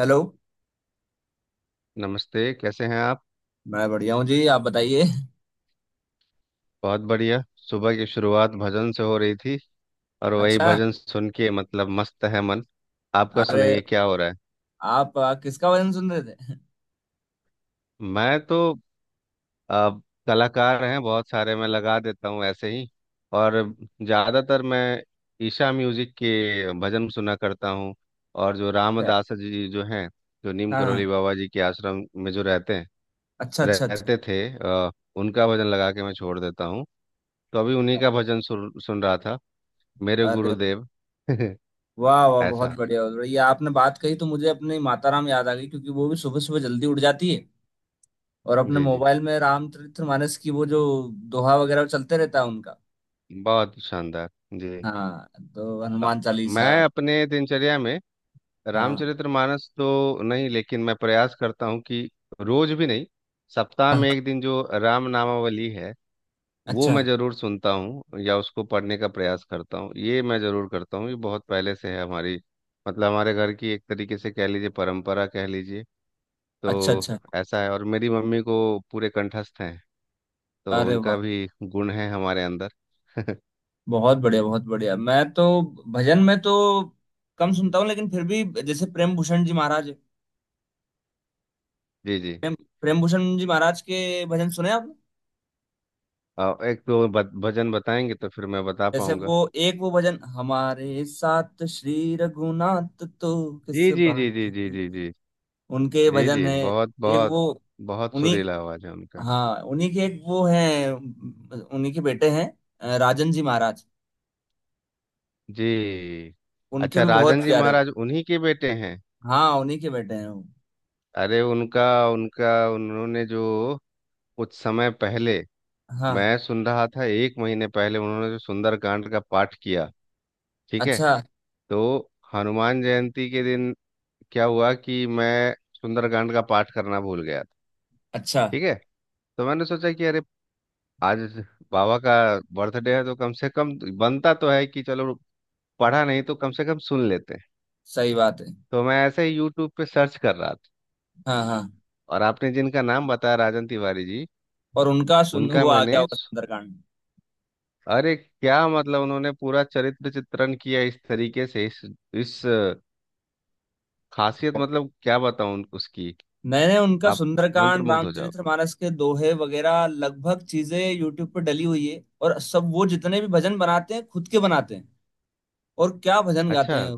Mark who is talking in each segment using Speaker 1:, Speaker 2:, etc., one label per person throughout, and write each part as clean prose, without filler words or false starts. Speaker 1: Hello.
Speaker 2: नमस्ते, कैसे हैं आप।
Speaker 1: मैं बढ़िया हूँ जी। आप बताइए।
Speaker 2: बहुत बढ़िया। सुबह की शुरुआत भजन से हो रही थी और वही
Speaker 1: अच्छा।
Speaker 2: भजन सुन के मतलब मस्त है मन। आपका
Speaker 1: अरे,
Speaker 2: सुनाइए क्या हो रहा है।
Speaker 1: आप किसका भजन सुन रहे थे?
Speaker 2: मैं तो आ, कलाकार हैं बहुत सारे, मैं लगा देता हूँ ऐसे ही। और ज़्यादातर मैं ईशा म्यूज़िक के भजन सुना करता हूँ। और जो
Speaker 1: अच्छा।
Speaker 2: रामदास जी जो हैं, जो नीम
Speaker 1: हाँ
Speaker 2: करोली
Speaker 1: हाँ।
Speaker 2: बाबा जी के आश्रम में जो रहते हैं,
Speaker 1: अच्छा, अच्छा, अच्छा।
Speaker 2: रहते थे, उनका भजन लगा के मैं छोड़ देता हूँ। तो अभी उन्हीं का भजन सुन सुन रहा था, मेरे
Speaker 1: अरे
Speaker 2: गुरुदेव।
Speaker 1: वाह, वाह! बहुत
Speaker 2: ऐसा।
Speaker 1: बढ़िया, बहुत बढ़िया। ये आपने बात कही तो मुझे अपनी माता राम याद आ गई, क्योंकि वो भी सुबह सुबह जल्दी उठ जाती है। और अपने
Speaker 2: जी जी,
Speaker 1: मोबाइल में रामचरितमानस की वो जो दोहा वगैरह चलते रहता है उनका।
Speaker 2: बहुत शानदार। जी।
Speaker 1: हाँ, तो
Speaker 2: अ,
Speaker 1: हनुमान चालीसा।
Speaker 2: मैं अपने दिनचर्या में
Speaker 1: हाँ
Speaker 2: रामचरितमानस तो नहीं, लेकिन मैं प्रयास करता हूँ कि रोज भी नहीं, सप्ताह
Speaker 1: हाँ।
Speaker 2: में एक दिन जो राम नामावली है वो
Speaker 1: अच्छा,
Speaker 2: मैं जरूर सुनता हूँ या उसको पढ़ने का प्रयास करता हूँ। ये मैं जरूर करता हूँ, ये बहुत पहले से है हमारी, मतलब हमारे घर की एक तरीके से कह लीजिए, परंपरा कह लीजिए।
Speaker 1: अच्छा,
Speaker 2: तो
Speaker 1: अच्छा।
Speaker 2: ऐसा है। और मेरी मम्मी को पूरे कंठस्थ हैं, तो
Speaker 1: अरे
Speaker 2: उनका
Speaker 1: वाह,
Speaker 2: भी गुण है हमारे अंदर।
Speaker 1: बहुत बढ़िया, बहुत बढ़िया। मैं तो भजन में तो कम सुनता हूँ, लेकिन फिर भी जैसे प्रेम भूषण जी महाराज।
Speaker 2: जी जी।
Speaker 1: प्रेम प्रेम भूषण जी महाराज के भजन सुने आपने?
Speaker 2: एक तो भजन बताएंगे तो फिर मैं बता
Speaker 1: जैसे वो
Speaker 2: पाऊंगा।
Speaker 1: एक वो भजन, हमारे साथ श्री रघुनाथ तो
Speaker 2: जी
Speaker 1: किस
Speaker 2: जी जी
Speaker 1: बात
Speaker 2: जी जी
Speaker 1: की,
Speaker 2: जी जी।
Speaker 1: उनके
Speaker 2: जी
Speaker 1: भजन
Speaker 2: जी,
Speaker 1: है।
Speaker 2: बहुत
Speaker 1: एक
Speaker 2: बहुत।
Speaker 1: वो
Speaker 2: बहुत
Speaker 1: उन्हीं।
Speaker 2: सुरीला आवाज है उनका।
Speaker 1: हाँ, उन्हीं के एक वो है, उन्हीं के बेटे हैं। राजन जी महाराज,
Speaker 2: जी।
Speaker 1: उनके
Speaker 2: अच्छा,
Speaker 1: भी
Speaker 2: राजन
Speaker 1: बहुत
Speaker 2: जी
Speaker 1: प्यारे।
Speaker 2: महाराज उन्हीं के बेटे हैं।
Speaker 1: हाँ, उन्हीं के बेटे हैं वो।
Speaker 2: अरे, उनका उनका उन्होंने जो कुछ समय पहले,
Speaker 1: हाँ।
Speaker 2: मैं सुन रहा था एक महीने पहले, उन्होंने जो सुंदरकांड का पाठ किया, ठीक है,
Speaker 1: अच्छा,
Speaker 2: तो हनुमान जयंती के दिन क्या हुआ कि मैं सुंदरकांड का पाठ करना भूल गया था।
Speaker 1: अच्छा।
Speaker 2: ठीक है। तो मैंने सोचा कि अरे, आज बाबा का बर्थडे है, तो कम से कम बनता तो है कि चलो, पढ़ा नहीं तो कम से कम सुन लेते हैं।
Speaker 1: सही बात है।
Speaker 2: तो मैं ऐसे ही यूट्यूब पे सर्च कर रहा था,
Speaker 1: हाँ हाँ।
Speaker 2: और आपने जिनका नाम बताया, राजन तिवारी जी,
Speaker 1: और उनका सुन,
Speaker 2: उनका
Speaker 1: वो आ
Speaker 2: मैंने,
Speaker 1: गया होगा सुंदरकांड।
Speaker 2: अरे क्या मतलब, उन्होंने पूरा चरित्र चित्रण किया इस तरीके से, इस खासियत, मतलब क्या बताऊं उसकी।
Speaker 1: मैंने उनका
Speaker 2: आप
Speaker 1: सुंदरकांड,
Speaker 2: मंत्रमुग्ध हो जाओगे।
Speaker 1: रामचरितमानस के दोहे वगैरह लगभग चीजें यूट्यूब पर डली हुई है, और सब वो जितने भी भजन बनाते हैं खुद के बनाते हैं। और क्या भजन गाते
Speaker 2: अच्छा।
Speaker 1: हैं।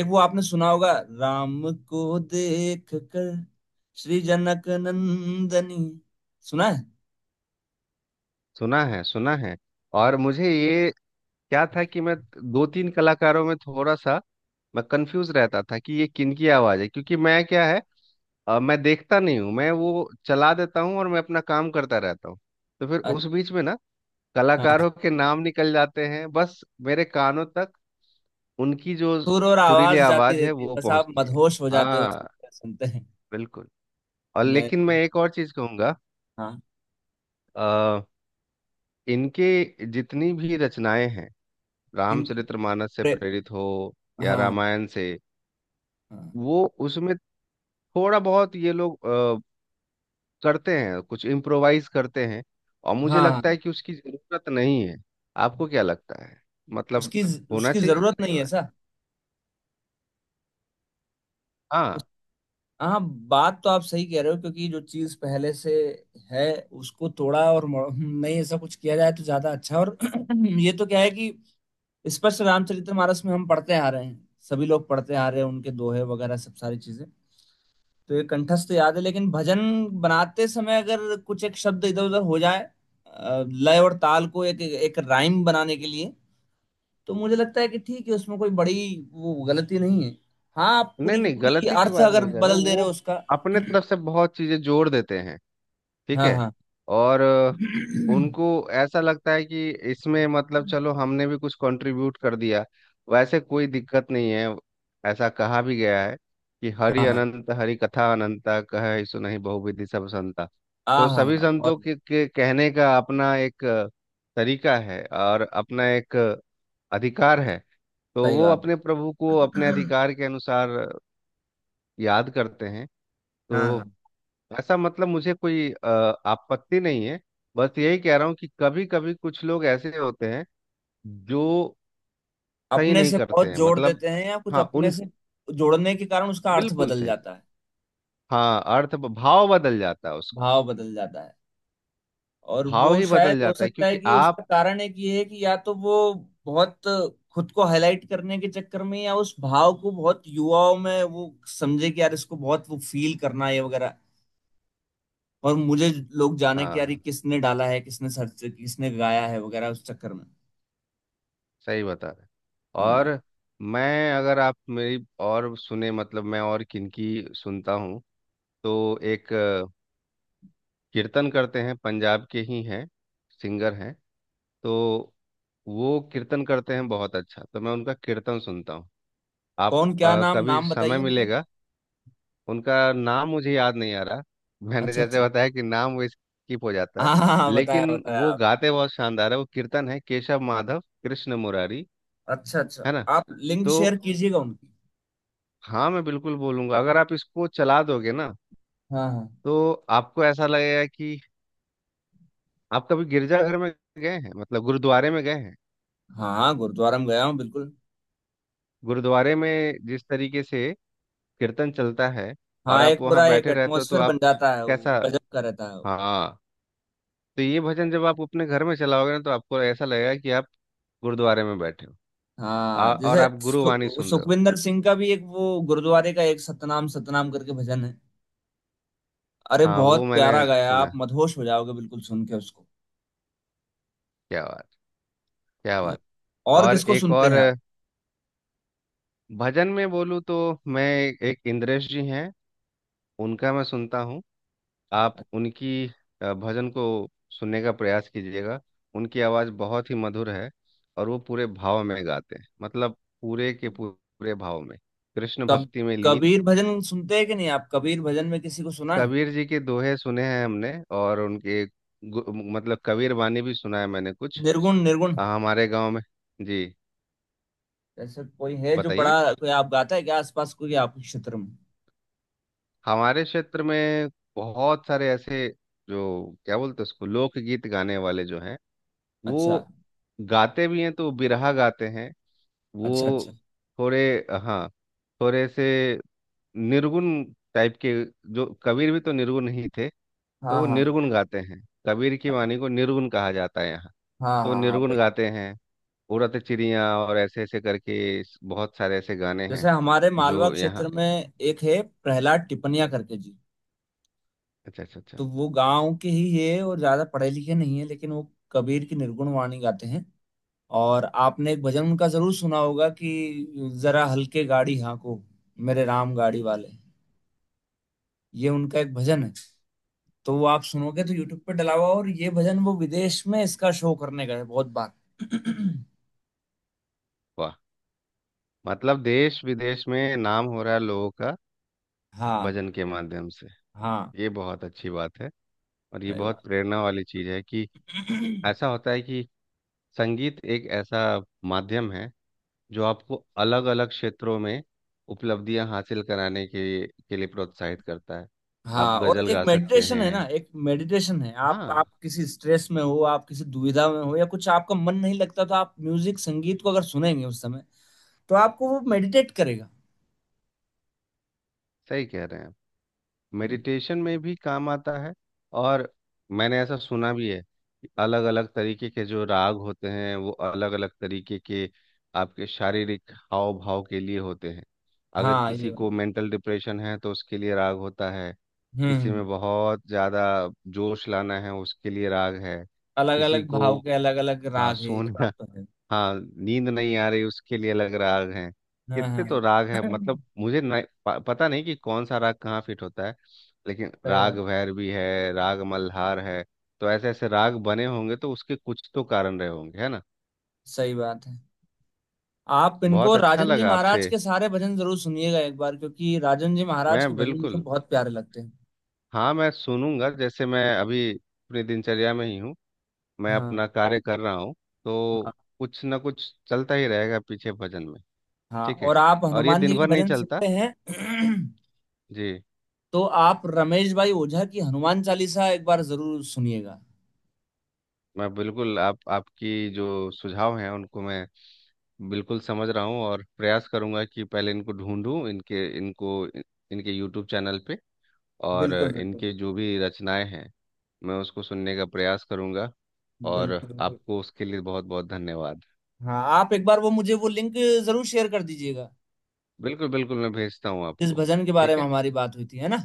Speaker 1: एक वो आपने सुना होगा, राम को देख कर श्री जनक नंदनी, सुना है?
Speaker 2: सुना है, सुना है। और मुझे ये क्या था कि मैं दो तीन कलाकारों में थोड़ा सा मैं कंफ्यूज रहता था कि ये किनकी आवाज है, क्योंकि मैं, क्या है, मैं देखता नहीं हूँ, मैं वो चला देता हूँ और मैं अपना काम करता रहता हूँ। तो फिर उस बीच में ना
Speaker 1: अच्छा।
Speaker 2: कलाकारों के नाम निकल जाते हैं बस, मेरे कानों तक उनकी जो
Speaker 1: सुर और
Speaker 2: सुरीली
Speaker 1: आवाज जाती
Speaker 2: आवाज है
Speaker 1: रहती है,
Speaker 2: वो
Speaker 1: बस आप
Speaker 2: पहुंचती है।
Speaker 1: मदहोश हो जाते हो
Speaker 2: हाँ,
Speaker 1: सुनते सुनते हैं।
Speaker 2: बिल्कुल। और लेकिन मैं
Speaker 1: नहीं।
Speaker 2: एक और चीज कहूंगा,
Speaker 1: हाँ।
Speaker 2: आ, इनके जितनी भी रचनाएं हैं
Speaker 1: किनकी?
Speaker 2: रामचरितमानस से
Speaker 1: प्रे-
Speaker 2: प्रेरित हो या
Speaker 1: हाँ।
Speaker 2: रामायण से,
Speaker 1: हाँ
Speaker 2: वो उसमें थोड़ा बहुत ये लोग करते हैं, कुछ इम्प्रोवाइज करते हैं। और मुझे
Speaker 1: हाँ हाँ।
Speaker 2: लगता है कि उसकी जरूरत नहीं है। आपको क्या लगता है, मतलब,
Speaker 1: उसकी
Speaker 2: होना
Speaker 1: उसकी
Speaker 2: चाहिए
Speaker 1: जरूरत
Speaker 2: नहीं
Speaker 1: नहीं है
Speaker 2: होना चाहिए।
Speaker 1: सा। उस।
Speaker 2: हाँ।
Speaker 1: हाँ। बात तो आप सही कह रहे हो, क्योंकि जो चीज पहले से है, उसको तोड़ा और नहीं, ऐसा कुछ किया जाए तो ज्यादा अच्छा। और ये तो क्या है कि स्पष्ट रामचरितमानस में हम पढ़ते आ रहे हैं, सभी लोग पढ़ते आ रहे हैं, उनके दोहे वगैरह सब सारी चीजें। तो ये कंठस्थ याद है, लेकिन भजन बनाते समय अगर कुछ एक शब्द इधर उधर हो जाए लय और ताल को एक एक राइम बनाने के लिए, तो मुझे लगता है कि ठीक है, उसमें कोई बड़ी वो गलती नहीं है। हाँ, आप
Speaker 2: नहीं
Speaker 1: पूरी की
Speaker 2: नहीं,
Speaker 1: पूरी
Speaker 2: गलती की
Speaker 1: अर्थ
Speaker 2: बात
Speaker 1: अगर
Speaker 2: नहीं कर रहा,
Speaker 1: बदल दे रहे
Speaker 2: वो
Speaker 1: हो उसका।
Speaker 2: अपने तरफ से बहुत चीजें जोड़ देते हैं। ठीक
Speaker 1: हाँ
Speaker 2: है।
Speaker 1: हाँ।
Speaker 2: और उनको ऐसा लगता है कि इसमें मतलब चलो हमने भी कुछ कंट्रीब्यूट कर दिया। वैसे कोई दिक्कत नहीं है, ऐसा कहा भी गया है कि हरि
Speaker 1: हाँ हाँ
Speaker 2: अनंत हरि कथा अनंता, कहे सो नहीं बहुविधि सब संता।
Speaker 1: हाँ।
Speaker 2: तो
Speaker 1: हाँ
Speaker 2: सभी
Speaker 1: हाँ,
Speaker 2: संतों
Speaker 1: बहुत
Speaker 2: के कहने का अपना एक तरीका है, और अपना एक अधिकार है। तो
Speaker 1: सही
Speaker 2: वो
Speaker 1: बात है।
Speaker 2: अपने प्रभु को अपने अधिकार के अनुसार याद करते हैं। तो
Speaker 1: हाँ हाँ।
Speaker 2: ऐसा, मतलब मुझे कोई आपत्ति नहीं है। बस यही कह रहा हूँ कि कभी कभी कुछ लोग ऐसे होते हैं जो सही
Speaker 1: अपने
Speaker 2: नहीं
Speaker 1: से
Speaker 2: करते
Speaker 1: बहुत
Speaker 2: हैं,
Speaker 1: जोड़
Speaker 2: मतलब।
Speaker 1: देते हैं या कुछ
Speaker 2: हाँ
Speaker 1: अपने
Speaker 2: उन,
Speaker 1: से जोड़ने के कारण उसका अर्थ
Speaker 2: बिल्कुल
Speaker 1: बदल
Speaker 2: सही।
Speaker 1: जाता है।
Speaker 2: हाँ, अर्थ भाव बदल जाता है उसका,
Speaker 1: भाव बदल जाता है। और
Speaker 2: भाव
Speaker 1: वो
Speaker 2: ही
Speaker 1: शायद
Speaker 2: बदल
Speaker 1: हो
Speaker 2: जाता है,
Speaker 1: सकता है
Speaker 2: क्योंकि
Speaker 1: कि उसका
Speaker 2: आप,
Speaker 1: कारण एक ये है कि या तो वो बहुत खुद को हाईलाइट करने के चक्कर में, या उस भाव को बहुत युवाओं में वो समझे कि यार इसको बहुत वो फील करना है वगैरह। और मुझे लोग जाने
Speaker 2: हाँ
Speaker 1: कि यार ये
Speaker 2: हाँ,
Speaker 1: किसने डाला है, किसने सर्च, किसने गाया है वगैरह, उस चक्कर में।
Speaker 2: सही बता रहे हैं।
Speaker 1: हाँ,
Speaker 2: और मैं, अगर आप मेरी और सुने, मतलब मैं और किनकी सुनता हूँ, तो एक कीर्तन करते हैं, पंजाब के ही हैं, सिंगर हैं। तो वो कीर्तन करते हैं बहुत अच्छा, तो मैं उनका कीर्तन सुनता हूँ। आप
Speaker 1: कौन? क्या नाम
Speaker 2: कभी
Speaker 1: नाम बताइए
Speaker 2: समय
Speaker 1: उनका।
Speaker 2: मिलेगा, उनका नाम मुझे याद नहीं आ रहा। मैंने
Speaker 1: अच्छा, अच्छा।
Speaker 2: जैसे बताया कि नाम वो स्किप हो जाता है।
Speaker 1: हाँ हाँ हाँ, बताया,
Speaker 2: लेकिन
Speaker 1: बताया
Speaker 2: वो
Speaker 1: आप।
Speaker 2: गाते बहुत शानदार है, वो कीर्तन है केशव माधव कृष्ण मुरारी,
Speaker 1: अच्छा, अच्छा।
Speaker 2: है ना।
Speaker 1: आप लिंक
Speaker 2: तो
Speaker 1: शेयर कीजिएगा उनकी।
Speaker 2: हाँ, मैं बिल्कुल बोलूंगा, अगर आप इसको चला दोगे ना,
Speaker 1: हाँ हाँ।
Speaker 2: तो आपको ऐसा लगेगा कि आप कभी गिरजाघर में गए हैं, मतलब गुरुद्वारे में गए हैं।
Speaker 1: हाँ हाँ, गुरुद्वारा में गया हूँ बिल्कुल।
Speaker 2: गुरुद्वारे में जिस तरीके से कीर्तन चलता है और
Speaker 1: हाँ,
Speaker 2: आप
Speaker 1: एक
Speaker 2: वहाँ
Speaker 1: पूरा एक
Speaker 2: बैठे रहते हो, तो
Speaker 1: एटमोसफेयर बन
Speaker 2: आप
Speaker 1: जाता है,
Speaker 2: कैसा,
Speaker 1: वो गजब का रहता है वो।
Speaker 2: हाँ, तो ये भजन जब आप अपने घर में चलाओगे ना, तो आपको ऐसा लगेगा कि आप गुरुद्वारे में बैठे हो।
Speaker 1: हाँ,
Speaker 2: और
Speaker 1: जैसे
Speaker 2: आप गुरुवाणी सुन रहे हो।
Speaker 1: सुखविंदर सिंह का भी एक वो गुरुद्वारे का एक सतनाम सतनाम करके भजन है। अरे
Speaker 2: हाँ
Speaker 1: बहुत
Speaker 2: वो मैंने
Speaker 1: प्यारा गाया,
Speaker 2: सुना
Speaker 1: आप
Speaker 2: है।
Speaker 1: मदहोश हो जाओगे बिल्कुल सुन के उसको।
Speaker 2: क्या बात, क्या
Speaker 1: ये
Speaker 2: बात।
Speaker 1: और
Speaker 2: और
Speaker 1: किसको
Speaker 2: एक
Speaker 1: सुनते
Speaker 2: और
Speaker 1: हैं आप?
Speaker 2: भजन में बोलूँ तो, मैं, एक इंद्रेश जी हैं, उनका मैं सुनता हूँ। आप उनकी भजन को सुनने का प्रयास कीजिएगा। उनकी आवाज़ बहुत ही मधुर है, और वो पूरे भाव में गाते हैं, मतलब पूरे के पूरे भाव में, कृष्ण
Speaker 1: कब
Speaker 2: भक्ति में लीन।
Speaker 1: कबीर भजन सुनते हैं कि नहीं आप? कबीर भजन में किसी को सुना है?
Speaker 2: कबीर जी के दोहे सुने हैं हमने, और उनके मतलब कबीर वाणी भी सुना है मैंने कुछ।
Speaker 1: निर्गुण, निर्गुण।
Speaker 2: हमारे गांव में। जी,
Speaker 1: ऐसे कोई है जो
Speaker 2: बताइए।
Speaker 1: बड़ा कोई आप गाता है क्या, आसपास कोई आपके क्षेत्र में?
Speaker 2: हमारे क्षेत्र में बहुत सारे ऐसे, जो क्या बोलते हैं उसको, लोकगीत गाने वाले जो हैं,
Speaker 1: अच्छा,
Speaker 2: वो गाते भी हैं तो बिरहा गाते हैं, वो
Speaker 1: अच्छा, अच्छा।
Speaker 2: थोड़े, हाँ, थोड़े से निर्गुण टाइप के। जो कबीर भी तो निर्गुण ही थे, तो
Speaker 1: हाँ
Speaker 2: वो
Speaker 1: हाँ
Speaker 2: निर्गुण गाते हैं। कबीर की वाणी को निर्गुण कहा जाता है यहाँ।
Speaker 1: हाँ
Speaker 2: तो
Speaker 1: हाँ हाँ हाँ।
Speaker 2: निर्गुण गाते हैं, उड़त चिड़िया और ऐसे ऐसे करके बहुत सारे ऐसे गाने हैं
Speaker 1: जैसे हमारे मालवा
Speaker 2: जो यहाँ।
Speaker 1: क्षेत्र में एक है प्रहलाद टिपनिया करके जी।
Speaker 2: अच्छा अच्छा
Speaker 1: तो
Speaker 2: अच्छा।
Speaker 1: वो गांव के ही है और ज्यादा पढ़े लिखे नहीं है, लेकिन वो कबीर की निर्गुण वाणी गाते हैं। और आपने एक भजन उनका जरूर सुना होगा कि जरा हल्के गाड़ी हाँको, मेरे राम गाड़ी वाले। ये उनका एक भजन है। तो वो आप सुनोगे तो यूट्यूब पे डला हुआ, और ये भजन वो विदेश में इसका शो करने गए बहुत बार।
Speaker 2: वाह, मतलब देश विदेश में नाम हो रहा है लोगों का
Speaker 1: हाँ
Speaker 2: भजन के माध्यम से।
Speaker 1: हाँ।
Speaker 2: ये बहुत अच्छी बात है। और ये
Speaker 1: अरे
Speaker 2: बहुत प्रेरणा वाली चीज है कि
Speaker 1: वाह।
Speaker 2: ऐसा होता है कि संगीत एक ऐसा माध्यम है जो आपको अलग अलग क्षेत्रों में उपलब्धियां हासिल कराने के लिए प्रोत्साहित करता है। आप
Speaker 1: हाँ। और
Speaker 2: गजल
Speaker 1: एक
Speaker 2: गा सकते
Speaker 1: मेडिटेशन है ना,
Speaker 2: हैं।
Speaker 1: एक मेडिटेशन है। आप
Speaker 2: हाँ,
Speaker 1: किसी स्ट्रेस में हो, आप किसी दुविधा में हो या कुछ आपका मन नहीं लगता, तो आप म्यूजिक संगीत को अगर सुनेंगे उस समय, तो आपको वो मेडिटेट करेगा।
Speaker 2: सही कह रहे हैं आप। मेडिटेशन में भी काम आता है। और मैंने ऐसा सुना भी है कि अलग अलग तरीके के जो राग होते हैं वो अलग अलग तरीके के आपके शारीरिक हाव भाव के लिए होते हैं। अगर
Speaker 1: हाँ, ये
Speaker 2: किसी
Speaker 1: बात।
Speaker 2: को मेंटल डिप्रेशन है तो उसके लिए राग होता है। किसी
Speaker 1: हम्म।
Speaker 2: में बहुत ज़्यादा जोश लाना है उसके लिए राग है।
Speaker 1: अलग
Speaker 2: किसी
Speaker 1: अलग
Speaker 2: को,
Speaker 1: भाव के अलग अलग
Speaker 2: हाँ,
Speaker 1: राग है, ये
Speaker 2: सोना,
Speaker 1: बात तो है।
Speaker 2: हाँ, नींद नहीं आ रही उसके लिए अलग राग हैं।
Speaker 1: हाँ
Speaker 2: कितने
Speaker 1: हाँ
Speaker 2: तो राग है, मतलब
Speaker 1: हाँ।
Speaker 2: मुझे नहीं, पता नहीं कि कौन सा राग कहाँ फिट होता है, लेकिन
Speaker 1: सही
Speaker 2: राग
Speaker 1: बात।
Speaker 2: भैरवी है, राग मल्हार है। तो ऐसे ऐसे राग बने होंगे तो उसके कुछ तो कारण रहे होंगे, है ना।
Speaker 1: सही बात है। आप इनको
Speaker 2: बहुत अच्छा
Speaker 1: राजन जी
Speaker 2: लगा
Speaker 1: महाराज
Speaker 2: आपसे।
Speaker 1: के सारे भजन जरूर सुनिएगा एक बार, क्योंकि राजन जी महाराज
Speaker 2: मैं
Speaker 1: के भजन मुझे
Speaker 2: बिल्कुल,
Speaker 1: बहुत प्यारे लगते हैं।
Speaker 2: हाँ मैं सुनूंगा। जैसे मैं अभी अपनी दिनचर्या में ही हूँ, मैं
Speaker 1: हाँ
Speaker 2: अपना कार्य कर रहा हूँ, तो
Speaker 1: हाँ।
Speaker 2: कुछ ना कुछ चलता ही रहेगा पीछे भजन में।
Speaker 1: हाँ,
Speaker 2: ठीक है,
Speaker 1: और आप
Speaker 2: और ये
Speaker 1: हनुमान जी
Speaker 2: दिन
Speaker 1: के
Speaker 2: भर नहीं
Speaker 1: भजन
Speaker 2: चलता।
Speaker 1: सुनते हैं?
Speaker 2: जी,
Speaker 1: तो आप रमेश भाई ओझा की हनुमान चालीसा एक बार जरूर सुनिएगा।
Speaker 2: मैं बिल्कुल, आप, आपकी जो सुझाव हैं उनको मैं बिल्कुल समझ रहा हूँ, और प्रयास करूंगा कि पहले इनको ढूंढूं, इनके, इनको, इनके यूट्यूब चैनल पे, और
Speaker 1: बिल्कुल, बिल्कुल।
Speaker 2: इनके जो भी रचनाएं हैं, मैं उसको सुनने का प्रयास करूंगा। और
Speaker 1: बिल्कुल, बिल्कुल।
Speaker 2: आपको उसके लिए बहुत बहुत धन्यवाद।
Speaker 1: हाँ, आप एक बार वो मुझे वो लिंक जरूर शेयर कर दीजिएगा,
Speaker 2: बिल्कुल बिल्कुल, मैं भेजता हूँ
Speaker 1: जिस
Speaker 2: आपको।
Speaker 1: भजन के बारे
Speaker 2: ठीक
Speaker 1: में
Speaker 2: है,
Speaker 1: हमारी बात हुई थी, है ना।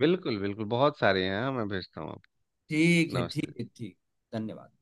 Speaker 2: बिल्कुल बिल्कुल, बहुत सारे हैं, हाँ मैं भेजता हूँ आपको।
Speaker 1: ठीक है,
Speaker 2: नमस्ते।
Speaker 1: ठीक है, ठीक। धन्यवाद।